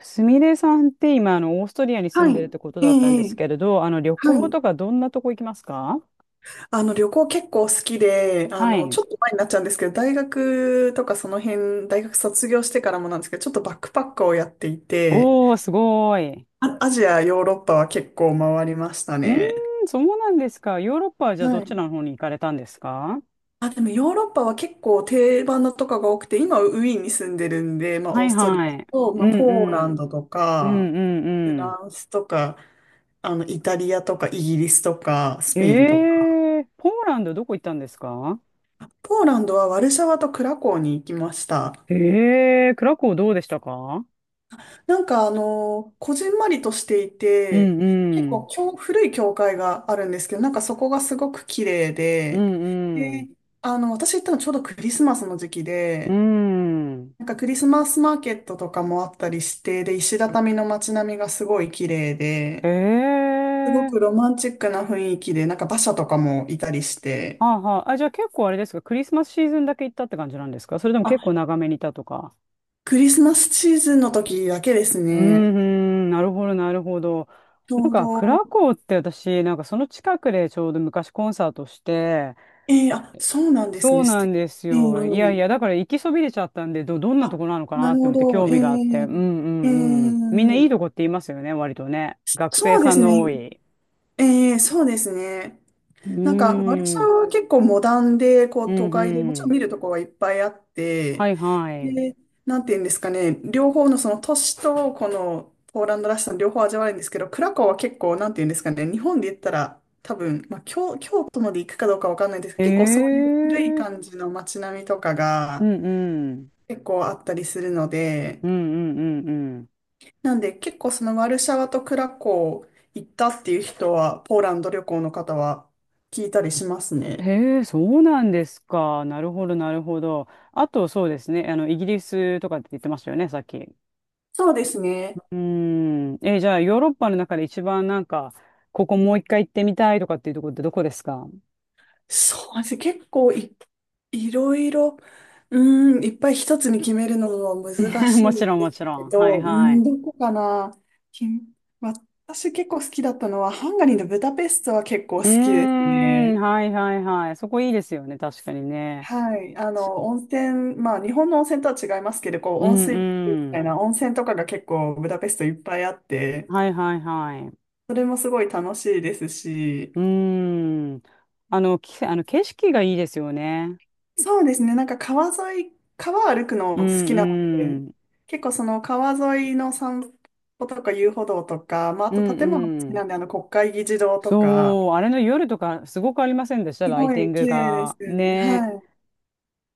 すみれさんって今、オーストリアに住はんい。でるってことええ、だったんでえすえ。けれど、旅は行い。とかどんなとこ行きますか？旅行結構好きで、はい。ちょっと前になっちゃうんですけど、大学とかその辺、大学卒業してからもなんですけど、ちょっとバックパックをやっていて、おー、すごい。あ、アジア、ヨーロッパは結構回りましたうーね。ん、そうなんですか。ヨーロッパはじゃあはどちらのい。方に行かれたんですか？あ、でもヨーロッパは結構定番のとかが多くて、今ウィーンに住んでるんで、まあ、はオーいストリアはい。と、まうあ、んポーラうンん。ドとうか、んフうラんンスとか、イタリアとか、イギリスとか、スうん。ペインとか、ポーランドどこ行ったんですか？ポーランドはワルシャワとクラコーに行きました。クラコウどうでしたか？こじんまりとしていうて、ん結う構ん。古い教会があるんですけど、そこがすごく綺麗うで、んうん。で、私行ったのちょうどクリスマスの時期うで、ん。クリスマスマーケットとかもあったりして、で、石畳の街並みがすごい綺麗で、えすごくー。ロマンチックな雰囲気で、馬車とかもいたりして、はあはあ。あ、じゃあ結構あれですか、クリスマスシーズンだけ行ったって感じなんですか、それとも結あ、構長めにいたとか？クリスマスシーズンの時だけですうーね。ん、なるほど、なるほど。ちなょんうか、クどラコーって私、なんかその近くでちょうど昔コンサートして、ええ。あ、そうなんですそうね。素なん敵。ですえよ。いやいえ。や、だから行きそびれちゃったんで、どんなとあ、こなのかななるってほ思ってど。興え味があって。うんうえ、えんうん。みんないいえ、とこって言いますよね、割とね。学生そうでさんすの多ね。い。ええ、そうですね。うなんか、ワルシーャワん、は結構モダンで、こうう、都ん会で、もちうろんん。見るとこはいっぱいあっはて、いはい。で、なんていうんですかね、両方のその都市と、このポーランドらしさの両方味わえるんですけど、クラコワは結構、なんていうんですかね、日本で言ったら、多分、まあ、京都まで行くかどうかわかんないんですけえど、結構そういう古いえー感じの街並みとかうが、んうん。結構あったりするので、うんうんうんうん。なんで結構そのワルシャワとクラコー行ったっていう人は、ポーランド旅行の方は聞いたりしますね。へえ、そうなんですか。なるほど、なるほど。あと、そうですね。イギリスとかって言ってましたよね、さっき。うそうですね。ーん。え、じゃあ、ヨーロッパの中で一番なんか、ここもう一回行ってみたいとかっていうところってどこですか？ そうですね。結構い、いろいろ、うーん、いっぱい一つに決めるのはも難しいんちろん、でもすちろけん。はいど、うーはん、い。どこかな。き私結構好きだったのは、ハンガリーのブダペストは結構好うーきですん、ね。はいはいはい。そこいいですよね、確かにね。はい、あちの温泉、まあ、日本の温泉とは違いますけど、こうう温ん水みうたいん。な温泉とかが結構ブダペストいっぱいあって、はいはいはい。それもすごい楽しいですし、うーん。あの景色がいいですよね。そうですね、なんか川沿い、川歩くうの好んきなのうで、ん。結構その川沿いの散歩とか遊歩道とか、まあ、あうとん建物も好きうなん。んで、あの国会議事堂とか、そう、あれの夜とかすごくありませんでした？すライごティンいグ綺麗ですが。よね。ね。はい。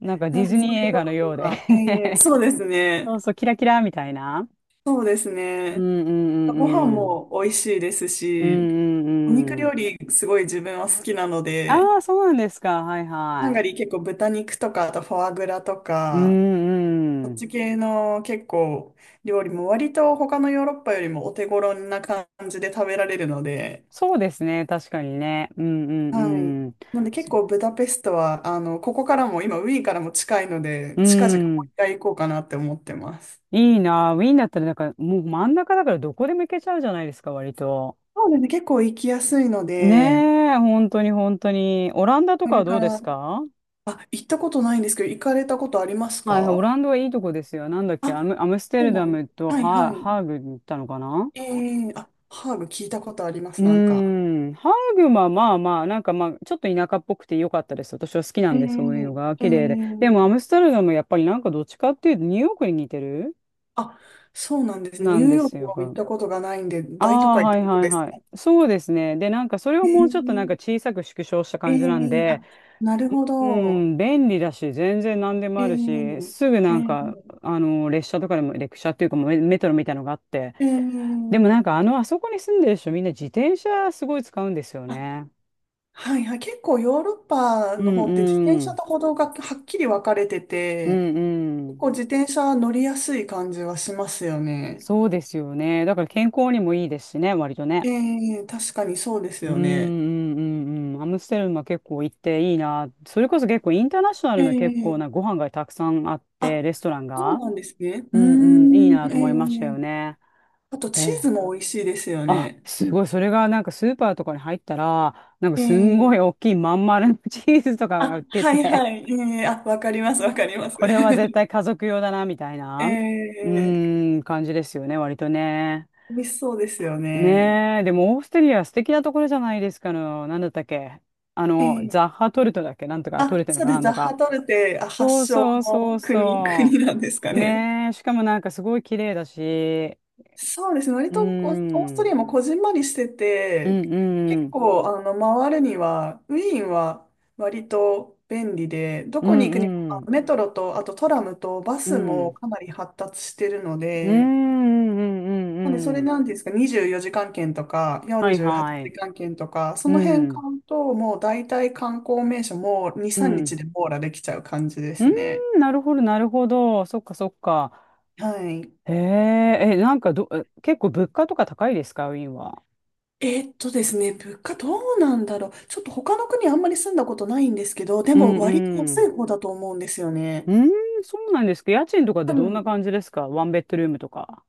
なんかデなィんでズそニーういう映と画のこようとで か、ええ、そうです そうね。そう、キラキラみたいな。そうですうね。んうんご飯うんうん。も美味しいですうんし、うお肉んう料ん。理すごい自分は好きなので、ああ、そうなんですか。はいハンガはリー結構豚肉とか、あとフォアグラとい。うか、んそっうん。ち系の結構料理も割と他のヨーロッパよりもお手頃な感じで食べられるので、そうですね。確かにね。うんうはんい。うん。なんでそ結構ブダペストは、ここからも今ウィーンからも近いので、う近々もうん。一回行こうかなって思ってます。いいな。ウィーンだったらなんかもう真ん中だからどこでも行けちゃうじゃないですか、割と。そうですね、結構行きやすいのねで、え、本当に本当に。オランダとこかれはどかうでら、すか？あ、行ったことないんですけど、行かれたことありますはいはい、オか？ランダはいいとこですよ。なんだっあ、け、アムステそうルなダんです。ムとはいはい。ハーグに行ったのかな？ええ。あ、ハーブ聞いたことありまうす、なんか。ーん、ハーグはまあまあ、なんかまあ、ちょっと田舎っぽくて良かったです。私は好きなえんで、そういうのがえ、え綺麗で。でも、アえ。ムステルダムやっぱりなんかどっちかっていうと、ニューヨークに似てるあ、そうなんですね。ニなューんでヨーすクよ。は行ったことがないんで、あ大都あ、会っはていことはいですはい。か。そうですね。で、なんかそれをえもえ、うちょっとなんか小さく縮小したえ感じなんえ。で、あ、なるほうど。ん、便利だし、全然何でもあるし、ええ、すぐえなんか、え、列車とかでも、列車っていうかもうメトロみたいなのがあって、えでもなんかえ。あそこに住んでる人みんな自転車すごい使うんですよあ、ね。はいはい。結構ヨーロッパうの方って自転んう車ん。と歩道がはっきり分かれてうて、んう結ん。構自転車乗りやすい感じはしますよね。そうですよね。だから健康にもいいですしね、割とえね。え、確かにそうですうんうよね。んうんうん。アムステルムは結構行っていいな。それこそ結構インターナショナえルな結構なごえ。飯がたくさんあっあ、て、レストランそうが。なんですね。ううーんうん、いいなん、と思いましたえよえ。ね。あと、えチーズえも美味しいですよあ、ね。すごい。それがなんかスーパーとかに入ったら、なんかすんごえい大え。きいまん丸のチーズとかがあ、売ってはいて、はい。ええ。あ、わかりあます、わかーります。これは絶対 家族用だな、みたいな、うええ。ーん、感じですよね、割とね。美味しそうですよね。ねえ、でもオーストリア素敵なところじゃないですかの、なんだったっけ、えザッえ。ハトルトだっけなんとか、トあ、ルトだそうかでなす。んザッとハか。トルテ、あ、そ発う祥そうそのう国、そ国なんですかう。ね。ねえ、しかもなんかすごい綺麗だし、そうですね。割うーとこう、オーん、スうトリアんもこじんまりしてうて、結ん、構、回るには、ウィーンは割と便利で、どうこに行くにも、んうん、メトロと、あとトラムとバうスもん。かなり発達してるのうん、うで、ん、うん、うんうなんで、そんうんうれんなんていうんですか、24時間券とか、はい48時はい。間券とか、そうの辺買ん、うと、もう大体観光名所も2、う3ん。日で網羅できちゃう感じでうすね。ん、なるほど、なるほど。そっか、そっか。はい。へえ、え、なんか結構物価とか高いですか、ウィーンは？ですね、物価どうなんだろう。ちょっと他の国あんまり住んだことないんですけど、でうん、も割とう安いん。方だと思うんですようね。ん、そうなんですか。家賃とか多でどんな分、感じですか、ワンベッドルームとか？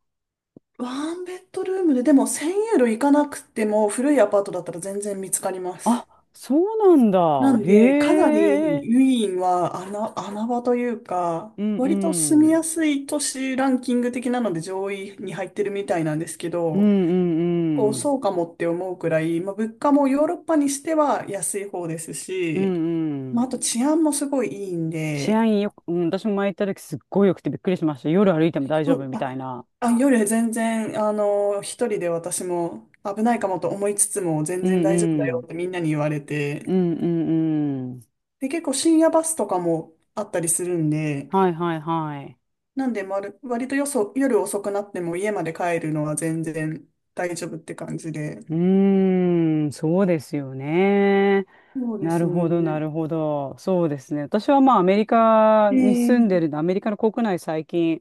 ワンベッドルームで、でも1000ユーロいかなくても古いアパートだったら全然見つかります。あ、そうなんだ。なんで、かへなりえ。ウィーンは穴場というか、うん、割と住うみん。やすい都市ランキング的なので上位に入ってるみたいなんですけうん、うど、こう、ん、うん。そうかもって思うくらい、まあ、物価もヨーロッパにしては安い方ですうし、ん、うまあ、あん。と治安もすごいいいん治で、安よく、うん、私も前行った時すっごいよくてびっくりしました。夜歩いても大丈そ夫うみたあ、いな。あ、夜全然、一人で私も危ないかもと思いつつも全う然ん大丈夫だうよん。ってみんなに言われうて、んうんうん。で、結構深夜バスとかもあったりするんで、はいはいはい。なんで、まる、割とよそ、夜遅くなっても家まで帰るのは全然大丈夫って感じで。うーん、そうですよね。そうでなするほど、なね。るほど。そうですね。私はまあアメリカに住んでええ、るアメリカの国内最近、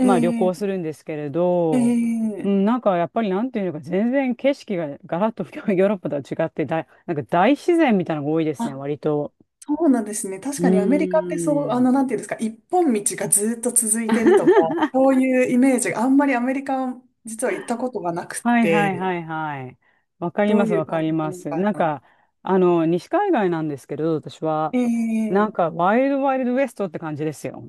まあ旅行すえ、るんですけれど、うえん、え。なんかやっぱりなんていうのか、全然景色がガラッと ヨーロッパとは違って、なんか大自然みたいなのが多いですね、あ、割と。そうなんですね。確うかにアメリカってそう、ーん。なんていうんですか、一本道がずっと続いてるとか、そういうイメージがあんまりアメリカ、実は行ったことがなくはいはいはて、いはい。わかりどうますいわうか感りじまなのす。かなんな。か、西海岸なんですけど、私は、なえんえ。か、ワイルドワイルドウエストって感じですよ。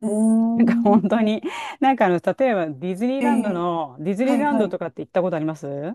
うー なんか、ん、本当に、なんか例えばええ、ディズニはーいランはドい。とかって行ったことあります？は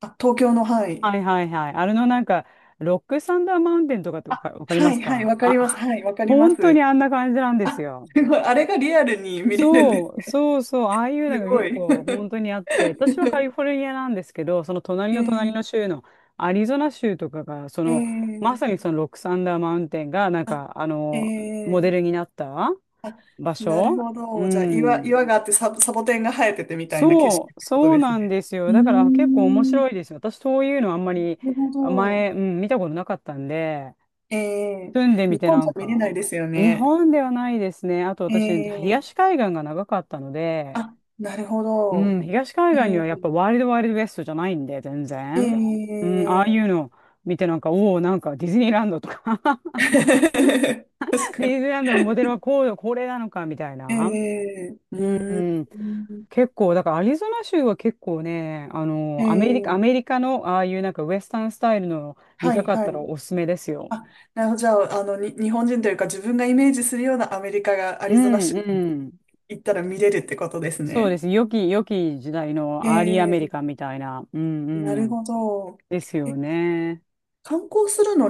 あ、東京の、はい。いはいはい。あれのなんか、ロックサンダーマウンテンとかってわかりまはすいはい、かわかります。あ？はい、わかりま本当にす。あんな感じなんですあ、よ。すごい、あれがリアルに見れるんですそう、ね。そうそう、ああいうすのがご結い。構本当にあって、私はカリフォルニアなんですけど、その隣の隣えのえ、州のアリゾナ州とかが、まえさえ。にそのロックサンダーマウンテンが、なんか、あ、モえデルえ。になったあ、 場なる所。ほうど。じゃあ、ん。岩があってサボテンが生えててみたいな景色っそてう、ことそうですなね。んですうよ。ーだから結構面ん、な白いですよ。私、そういうのあんまりるほど。前、うん、見たことなかったんで、ええ。住んでみ日て本なじゃん見れなか、いですよ日ね。本ではないですね。あと私、ええ。東海岸が長かったので、あ、なるほうど。ん、東海岸にはやっえぱワイルドワイルドウエストじゃないんで、全え、然。うん、ああいええ。 うの見てなんか、おお、なんかディズニーランドとか 確 かデに。ィズニーランドのモデルはこうこれなのか、みたいえな。え。ううん、うーんん、結構、だからアリゾナ州は結構ね、えアメえ、リカのああいうなんかウエスタンスタイルの見はたいかっはたらい。おすすめですよ。あ、なるほど。じゃあ、日本人というか自分がイメージするようなアメリカがアうリゾナ州ん、にうん。行ったら見れるってことですそうね。です。良き時代のアーリーアえメリえ、カンみたいな。うん、なうるん。ほど。ですえ、よね。観光するの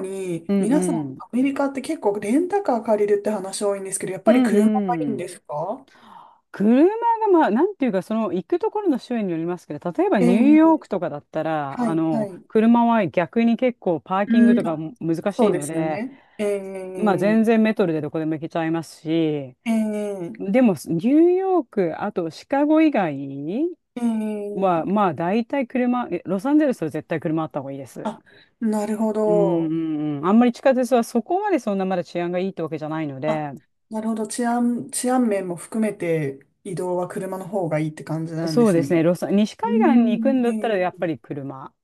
うに、ん、皆さん、うアん。メリカって結構レンタカー借りるって話多いんですけど、やっうぱりん、車がいいうんん。ですか？車が、まあ、なんていうか、その行くところの州によりますけど、例えばニューヨーええ、クとかだったら、はい、はい。車は逆に結構パーキングうとん、かあ、も難しそいうでのすよで、ね。えまあ、え、全然メトロでどこでも行けちゃいますし、ええ、でも、ニューヨーク、あとシカゴ以外ええ。は、まあ、大体車、ロサンゼルスは絶対車あった方がいいです。あ、なるほうんど。うんうん。あんまり地下鉄はそこまでそんなまだ治安がいいってわけじゃないのあ、で、なるほど。治安面も含めて移動は車の方がいいって感じなんでそうすですね、ね。西う海岸に行くん、んだったら、やっえぱり車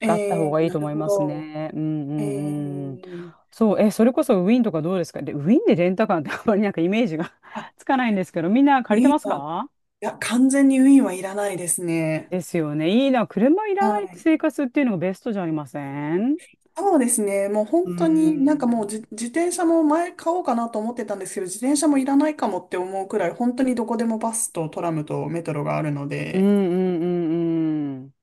え、があった方えがえ、いいなと思るいほますど。ね。うんうえんうん。え。そう、それこそウィンとかどうですか？で、ウィンでレンタカーって あんまりなんかイメージが あ、 つかないんですけど、みんなウ借りてィまーすンは、いか？や、完全にウィーンはいらないですね。ですよね。いいな。車いらないはい。生活っていうのがベストじゃありません？そうですね。もうう本当になんかん。もう自転車も前買おうかなと思ってたんですけど、自転車もいらないかもって思うくらい、本当にどこでもバスとトラムとメトロがあるのうんうで、んうんうん。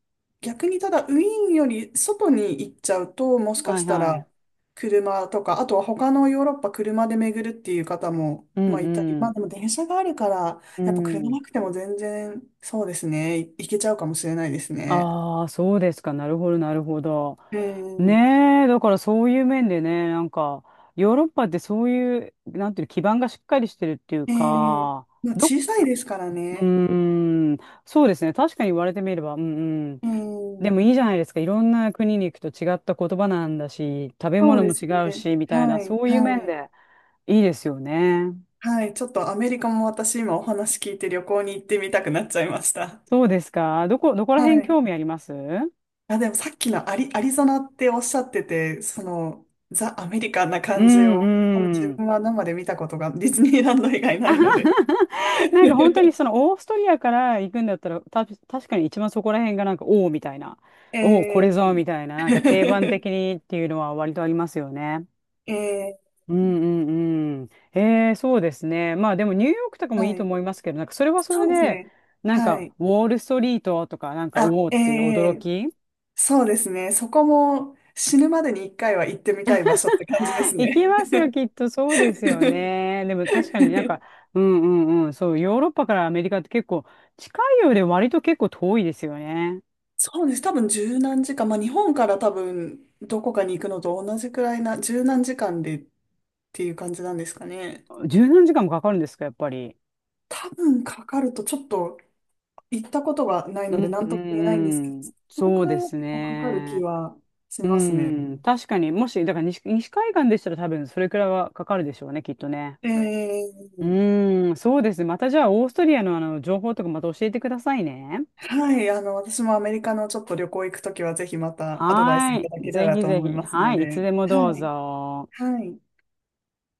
逆にただウィーンより外に行っちゃうと、もしかはいしたはらい。車とか、あとは他のヨーロッパ車で巡るっていう方も、うまあんいたり、うまあん。でも電車があるから、うやっぱ車ん。なくても全然、そうですね、行けちゃうかもしれないですね。ああ、そうですか。なるほど、なるほど。うん、ねえ、だからそういう面でね、なんか、ヨーロッパってそういう、なんていうの、基盤がしっかりしてるっていうええ、か、まあ、ど小こ、さいですからうーね。ん、そうですね。確かに言われてみれば、うんうん。うでん、もいいじゃないですか。いろんな国に行くと違った言葉なんだし、食べそう物でもす違うね。し、みたいな、はい、そういうは面い、でいいですよね。はい。ちょっとアメリカも私今お話聞いて旅行に行ってみたくなっちゃいました。そうですか。どこら辺はい。興味あります？うあ、でもさっきのアリゾナっておっしゃってて、その、ザ・アメリカンなん感じうを、多分自ん。分は生で見たことがディズニーランド以外ないので。なんか本当に そのオーストリアから行くんだったら、確かに一番そこら辺がなんか、おおみたいな、おお、これえぞー、みたいな、なんか定番的にっていうのは割とありますよね。えうんうんうん。ええ、そうですね。まあでもニューヨークとかもいいはとい。思いますけど、なんかそれはそそれうですで、ね。なんはかい。ウォールストリートとか、なんかあ、おおっえていう驚え、き。そうですね。そこも死ぬまでに一回は行ってみたい場所って感じで す行きね。ますよ、きっとそうですよ ね。でも確かになんか、うんうんうん、そう、ヨーロッパからアメリカって結構近いようで割と結構遠いですよね。そうです。多分十何時間。まあ日本から多分どこかに行くのと同じくらいな、十何時間でっていう感じなんですかね。十何時間もかかるんですか、やっぱり？多分かかると、ちょっと行ったことがないうのでんう何とも言えないんですけど、んうんそのそくうらでいはす結構かかる気ね。はしうますね。ん、確かに、もし、だから西海岸でしたら多分それくらいはかかるでしょうね、きっとね。ええ、うん、そうですね。またじゃあ、オーストリアの情報とかまた教えてくださいね。はい、私もアメリカのちょっと旅行行くときは、ぜひまたアドバイスはいたい。だけたぜらひとぜ思いひ。ますはのい。いつで、でもどうはい、ぞ。はい。